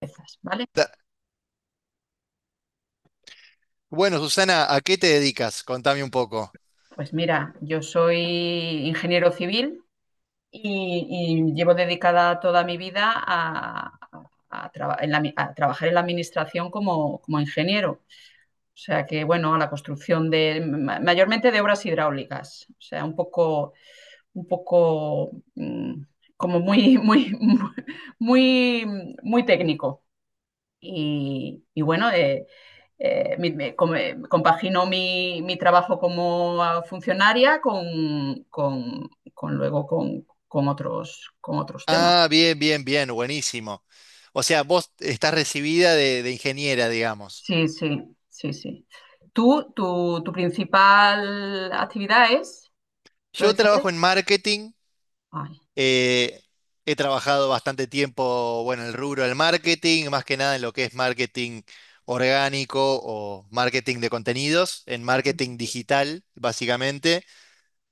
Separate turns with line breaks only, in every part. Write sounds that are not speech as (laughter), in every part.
Empiezas, ¿vale?
Ta- Bueno, Susana, ¿a qué te dedicas? Contame un poco.
Pues mira, yo soy ingeniero civil y llevo dedicada toda mi vida a, a trabajar en la administración como ingeniero. O sea que, bueno, a la construcción de, mayormente de obras hidráulicas. O sea, un poco, como muy, muy, (laughs) muy, muy técnico. Y bueno, compagino mi trabajo como funcionaria con luego con otros temas.
Ah, bien, bien, bien, buenísimo. O sea, vos estás recibida de ingeniera, digamos.
Sí, sí, sí, sí. ¿Tu principal actividad es? ¿Tú
Yo
de qué?
trabajo en marketing.
Ay,
eh, He trabajado bastante tiempo, bueno, en el rubro del marketing, más que nada en lo que es marketing orgánico o marketing de contenidos, en marketing digital, básicamente.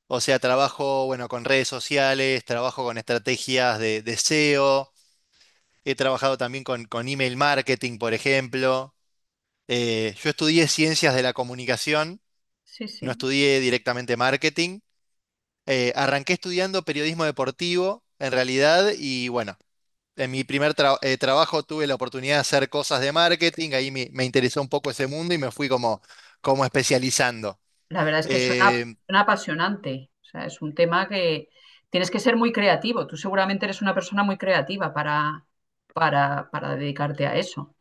O sea, trabajo, bueno, con redes sociales, trabajo con estrategias de SEO. He trabajado también con email marketing, por ejemplo. Yo estudié ciencias de la comunicación,
sí,
no
sí.
estudié directamente marketing. Arranqué estudiando periodismo deportivo, en realidad, y bueno, en mi primer trabajo tuve la oportunidad de hacer cosas de marketing. Ahí me interesó un poco ese mundo y me fui como especializando.
La verdad es que suena,
Eh,
suena apasionante. O sea, es un tema que tienes que ser muy creativo. Tú seguramente eres una persona muy creativa para dedicarte a eso.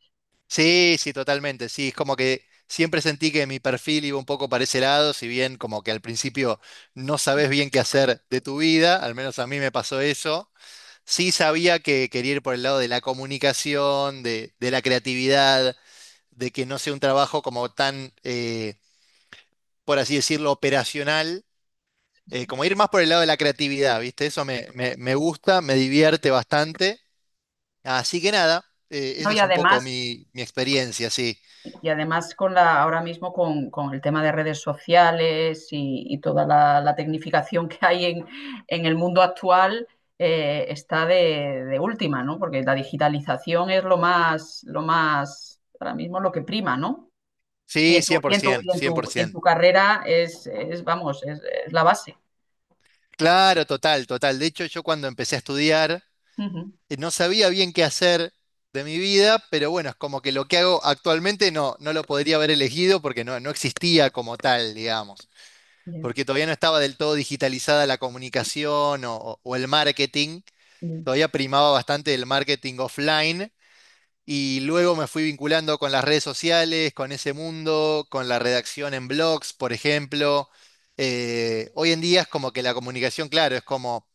Sí, sí, totalmente. Sí, es como que siempre sentí que mi perfil iba un poco para ese lado, si bien como que al principio no sabes bien qué hacer de tu vida, al menos a mí me pasó eso. Sí sabía que quería ir por el lado de la comunicación, de la creatividad, de que no sea un trabajo como tan, por así decirlo, operacional,
Sí, sí.
como ir más por el lado de la creatividad, ¿viste? Eso me gusta, me divierte bastante. Así que nada,
No,
esa
y
es un poco
además,
mi experiencia, sí.
y además ahora mismo con el tema de redes sociales y toda la tecnificación que hay en el mundo actual, está de última, ¿no? Porque la digitalización es lo más, ahora mismo lo que prima, ¿no? Y
Sí,
en tu,
por
y en tu, y
ciento,
en
cien por
tu, Y en tu
100%.
carrera es, vamos, es la base.
Claro, total, total. De hecho, yo cuando empecé a estudiar,
Ujú.
no sabía bien qué hacer de mi vida, pero bueno, es como que lo que hago actualmente no lo podría haber elegido porque no existía como tal, digamos,
Ya,
porque todavía no estaba del todo digitalizada la comunicación o el marketing.
ya.
Todavía primaba bastante el marketing offline. Y luego me fui vinculando con las redes sociales, con ese mundo, con la redacción en blogs, por ejemplo. Hoy en día es como que la comunicación, claro, es como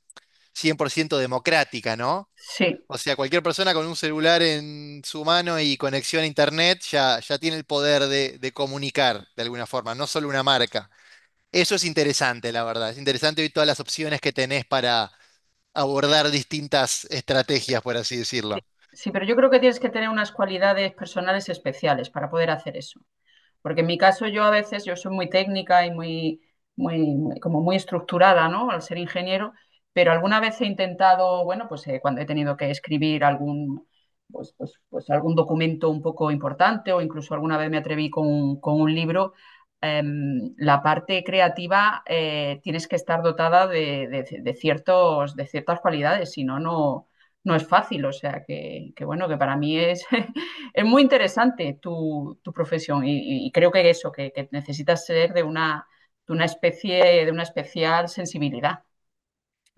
100% democrática, ¿no?
Sí,
O sea, cualquier persona con un celular en su mano y conexión a internet ya tiene el poder de comunicar de alguna forma, no solo una marca. Eso es interesante, la verdad. Es interesante hoy todas las opciones que tenés para abordar distintas estrategias, por así decirlo.
sí, pero yo creo que tienes que tener unas cualidades personales especiales para poder hacer eso. Porque en mi caso yo a veces, yo soy muy técnica y muy, muy, como muy estructurada, ¿no? Al ser ingeniero, pero alguna vez he intentado, bueno, pues cuando he tenido que escribir algún, pues algún documento un poco importante o incluso alguna vez me atreví con un libro, la parte creativa tienes que estar dotada de ciertas cualidades, si no, no, no es fácil. O sea que bueno, que para mí es (laughs) es muy interesante tu profesión y, creo que eso, que necesitas ser de una especie, de una especial sensibilidad.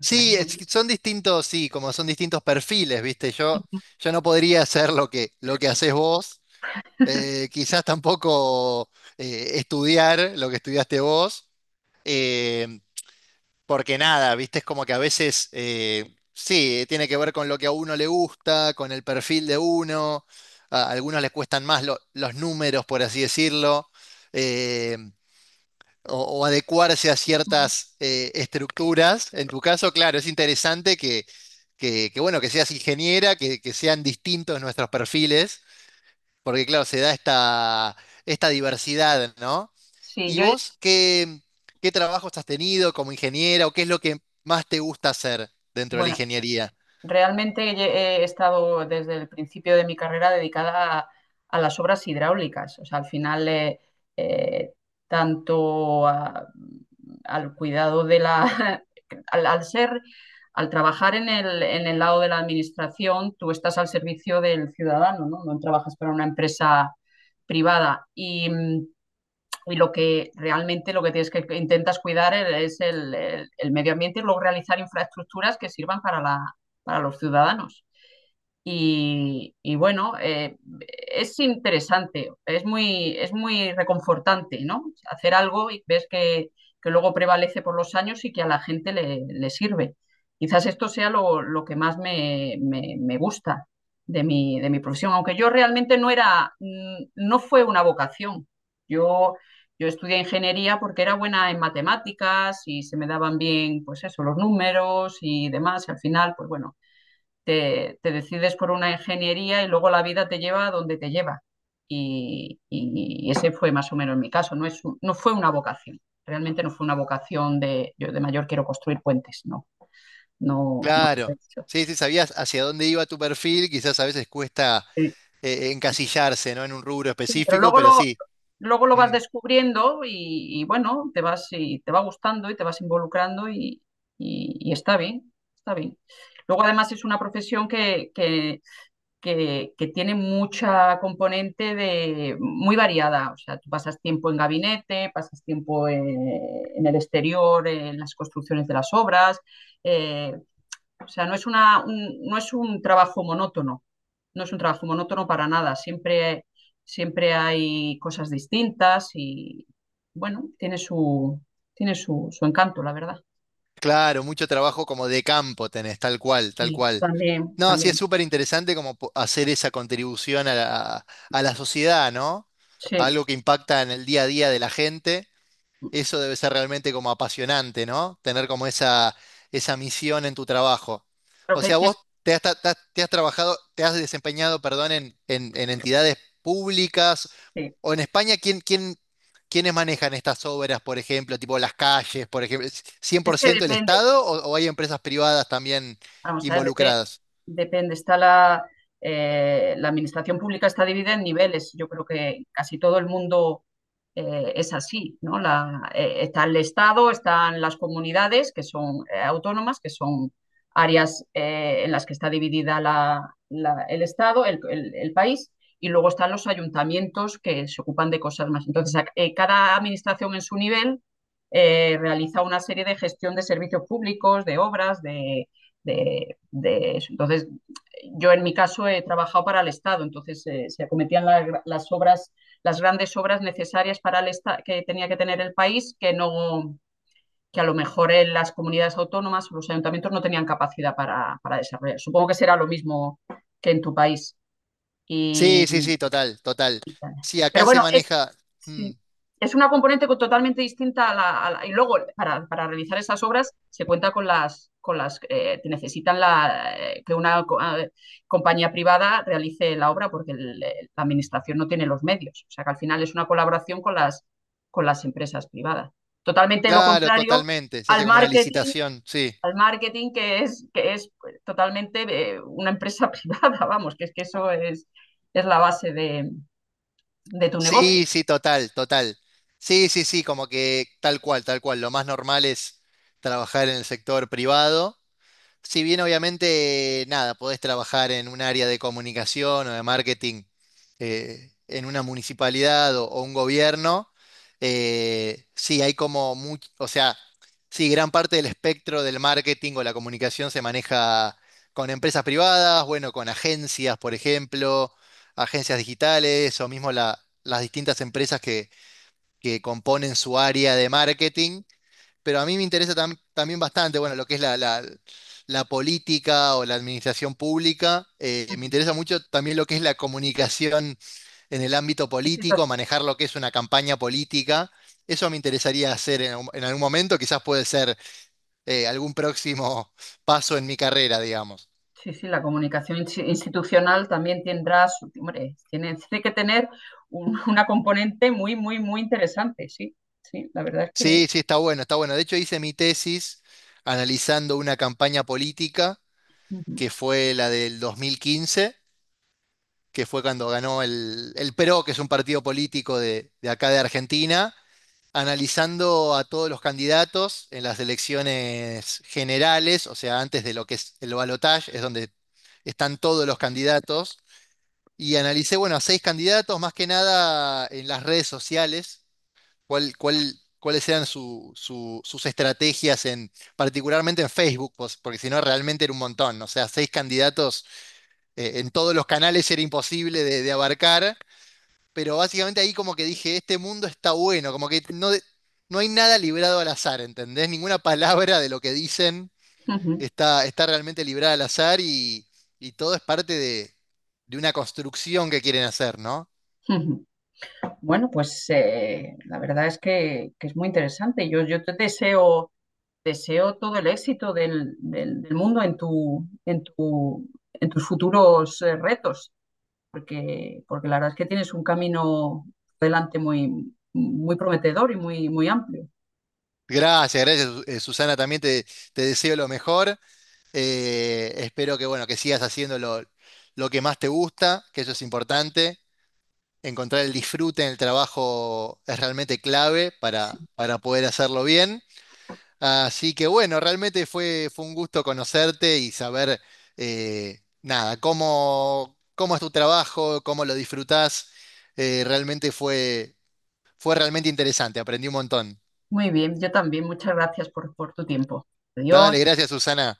O sea, que, sí.
es que son distintos, sí, como son distintos perfiles, ¿viste? Yo no podría hacer lo que haces vos, quizás tampoco estudiar lo que estudiaste vos, eh, porque nada, ¿viste? Es como que a veces, sí, tiene que ver con lo que a uno le gusta, con el perfil de uno, a algunos les cuestan más los números, por así decirlo. eh, o adecuarse a ciertas estructuras. En tu caso, claro, es interesante bueno, que seas ingeniera, que sean distintos nuestros perfiles, porque claro, se da esta diversidad, ¿no?
Sí,
¿Y vos qué trabajos has tenido como ingeniera o qué es lo que más te gusta hacer dentro de la
bueno,
ingeniería?
realmente he estado desde el principio de mi carrera dedicada a las obras hidráulicas. O sea, al final, eh, tanto al cuidado de la, (laughs) al ser, al trabajar en el lado de la administración, tú estás al servicio del ciudadano, ¿no? No trabajas para una empresa privada. Y lo que realmente lo que tienes que intentas cuidar es el medio ambiente y luego realizar infraestructuras que sirvan para los ciudadanos. Y bueno, es interesante, es muy reconfortante, ¿no? Hacer algo y ves que luego prevalece por los años y que a la gente le sirve. Quizás esto sea lo que más me gusta de mi profesión, aunque yo realmente no era, no fue una vocación. Yo, yo estudié ingeniería porque era buena en matemáticas y se me daban bien, pues eso, los números y demás. Y al final, pues bueno te decides por una ingeniería y luego la vida te lleva a donde te lleva. Ese fue más o menos mi caso. No, es no fue una vocación. Realmente no fue una vocación de yo de mayor quiero construir puentes. No, no, no.
Claro, sí, sí, sabías hacia dónde iba tu perfil, quizás a veces cuesta
Sí,
encasillarse, ¿no? En un rubro
sí, pero
específico,
luego
pero
lo,
sí.
luego lo vas
Mm.
descubriendo y bueno, te vas y te va gustando y te vas involucrando y está bien, está bien. Luego además es una profesión que tiene mucha componente muy variada. O sea, tú pasas tiempo en gabinete, pasas tiempo en el exterior, en las construcciones de las obras. eh, o sea, no es un trabajo monótono, no es un trabajo monótono para nada. Siempre, siempre hay cosas distintas y, bueno, tiene su encanto, la verdad.
Claro, mucho trabajo como de campo tenés, tal cual, tal
Y
cual.
también,
No, sí,
también.
es súper interesante como hacer esa contribución a a la sociedad, ¿no?
Sí,
Algo que impacta en el día a día de la gente. Eso debe ser realmente como apasionante, ¿no? Tener como esa misión en tu trabajo.
creo
O
que,
sea,
que es,
vos te has trabajado, te has desempeñado, perdón, en entidades públicas
sí.
o en España, quiénes manejan estas obras, por ejemplo, tipo las calles, por ejemplo? ¿Es
Es que
100% el
depende.
Estado o hay empresas privadas también
Vamos a ver,
involucradas?
depende. Está la administración pública está dividida en niveles. Yo creo que casi todo el mundo es así, ¿no? Está el Estado, están las comunidades que son autónomas, que son áreas en las que está dividida el Estado, el país, y luego están los ayuntamientos que se ocupan de cosas más. Entonces, cada administración en su nivel realiza una serie de gestión de servicios públicos, de obras, de eso. Entonces, yo en mi caso he trabajado para el Estado, entonces se acometían las obras, las grandes obras necesarias para el Estado que tenía que tener el país, que no que a lo mejor en las comunidades autónomas o los ayuntamientos no tenían capacidad para desarrollar. Supongo que será lo mismo que en tu país.
Sí,
Y,
sí, sí, total, total.
y
Sí,
pero
acá se
bueno, es,
maneja, mm,
sí. Es una componente totalmente distinta y luego para realizar esas obras se cuenta con las te necesitan la, que una compañía privada realice la obra porque la administración no tiene los medios. O sea que al final es una colaboración con las empresas privadas. Totalmente lo
claro,
contrario
totalmente, se
al
hace como una
marketing,
licitación, sí.
al marketing que es pues, totalmente de una empresa (laughs) privada, vamos, que eso es la base de tu negocio.
Sí, sí, total, total. Sí, sí, sí, como que tal cual, tal cual. Lo más normal es trabajar en el sector privado. Si bien obviamente, nada, podés trabajar en un área de comunicación o de marketing en una municipalidad o un gobierno, sí, hay como mucho, o sea, sí, gran parte del espectro del marketing o la comunicación se maneja con empresas privadas, bueno, con agencias, por ejemplo, agencias digitales o mismo las distintas empresas que componen su área de marketing, pero a mí me interesa también bastante, bueno, lo que es la política o la administración pública. Me interesa mucho también lo que es la comunicación en el ámbito
Sí, sí.
político, manejar lo que es una campaña política. Eso me interesaría hacer en algún momento, quizás puede ser algún próximo (laughs) paso en mi carrera, digamos.
Sí, sí, la comunicación institucional también tendrá su, hombre, tiene que tener (laughs) una componente muy, muy, muy interesante, sí, sí, la verdad es que.
Sí, sí, está bueno, está bueno. De hecho, hice mi tesis analizando una campaña política
Ujú,
que fue la del 2015, que fue cuando ganó el PRO, que es un partido político de acá de Argentina, analizando a todos los candidatos en las elecciones generales, o sea, antes de lo que es el balotaje, es donde están todos los candidatos, y analicé, bueno, a seis candidatos, más que nada en las redes sociales, cuáles eran sus estrategias, particularmente en Facebook, pues, porque si no realmente era un montón, o sea, seis candidatos en todos los canales era imposible de abarcar, pero básicamente ahí como que dije, este mundo está bueno, como que no hay nada librado al azar, ¿entendés? Ninguna palabra de lo que dicen
ujú,
está realmente librada al azar y todo es parte de una construcción que quieren hacer, ¿no?
ujú. Bueno, pues la verdad es que es muy interesante. Yo te deseo todo el éxito del mundo en tus futuros retos, porque la verdad es que tienes un camino delante muy, muy prometedor y muy, muy amplio.
Gracias, gracias, Susana, también te deseo lo mejor. Espero que, bueno, que sigas haciendo lo que más te gusta, que eso es importante. Encontrar el disfrute en el trabajo es realmente clave
Sí.
para poder hacerlo bien. Así que bueno, realmente fue un gusto conocerte y saber, nada, cómo es tu trabajo, cómo lo disfrutás. Realmente fue realmente interesante, aprendí un montón.
Muy bien, yo también. Muchas gracias por tu tiempo.
Dale,
Adiós.
gracias, Susana.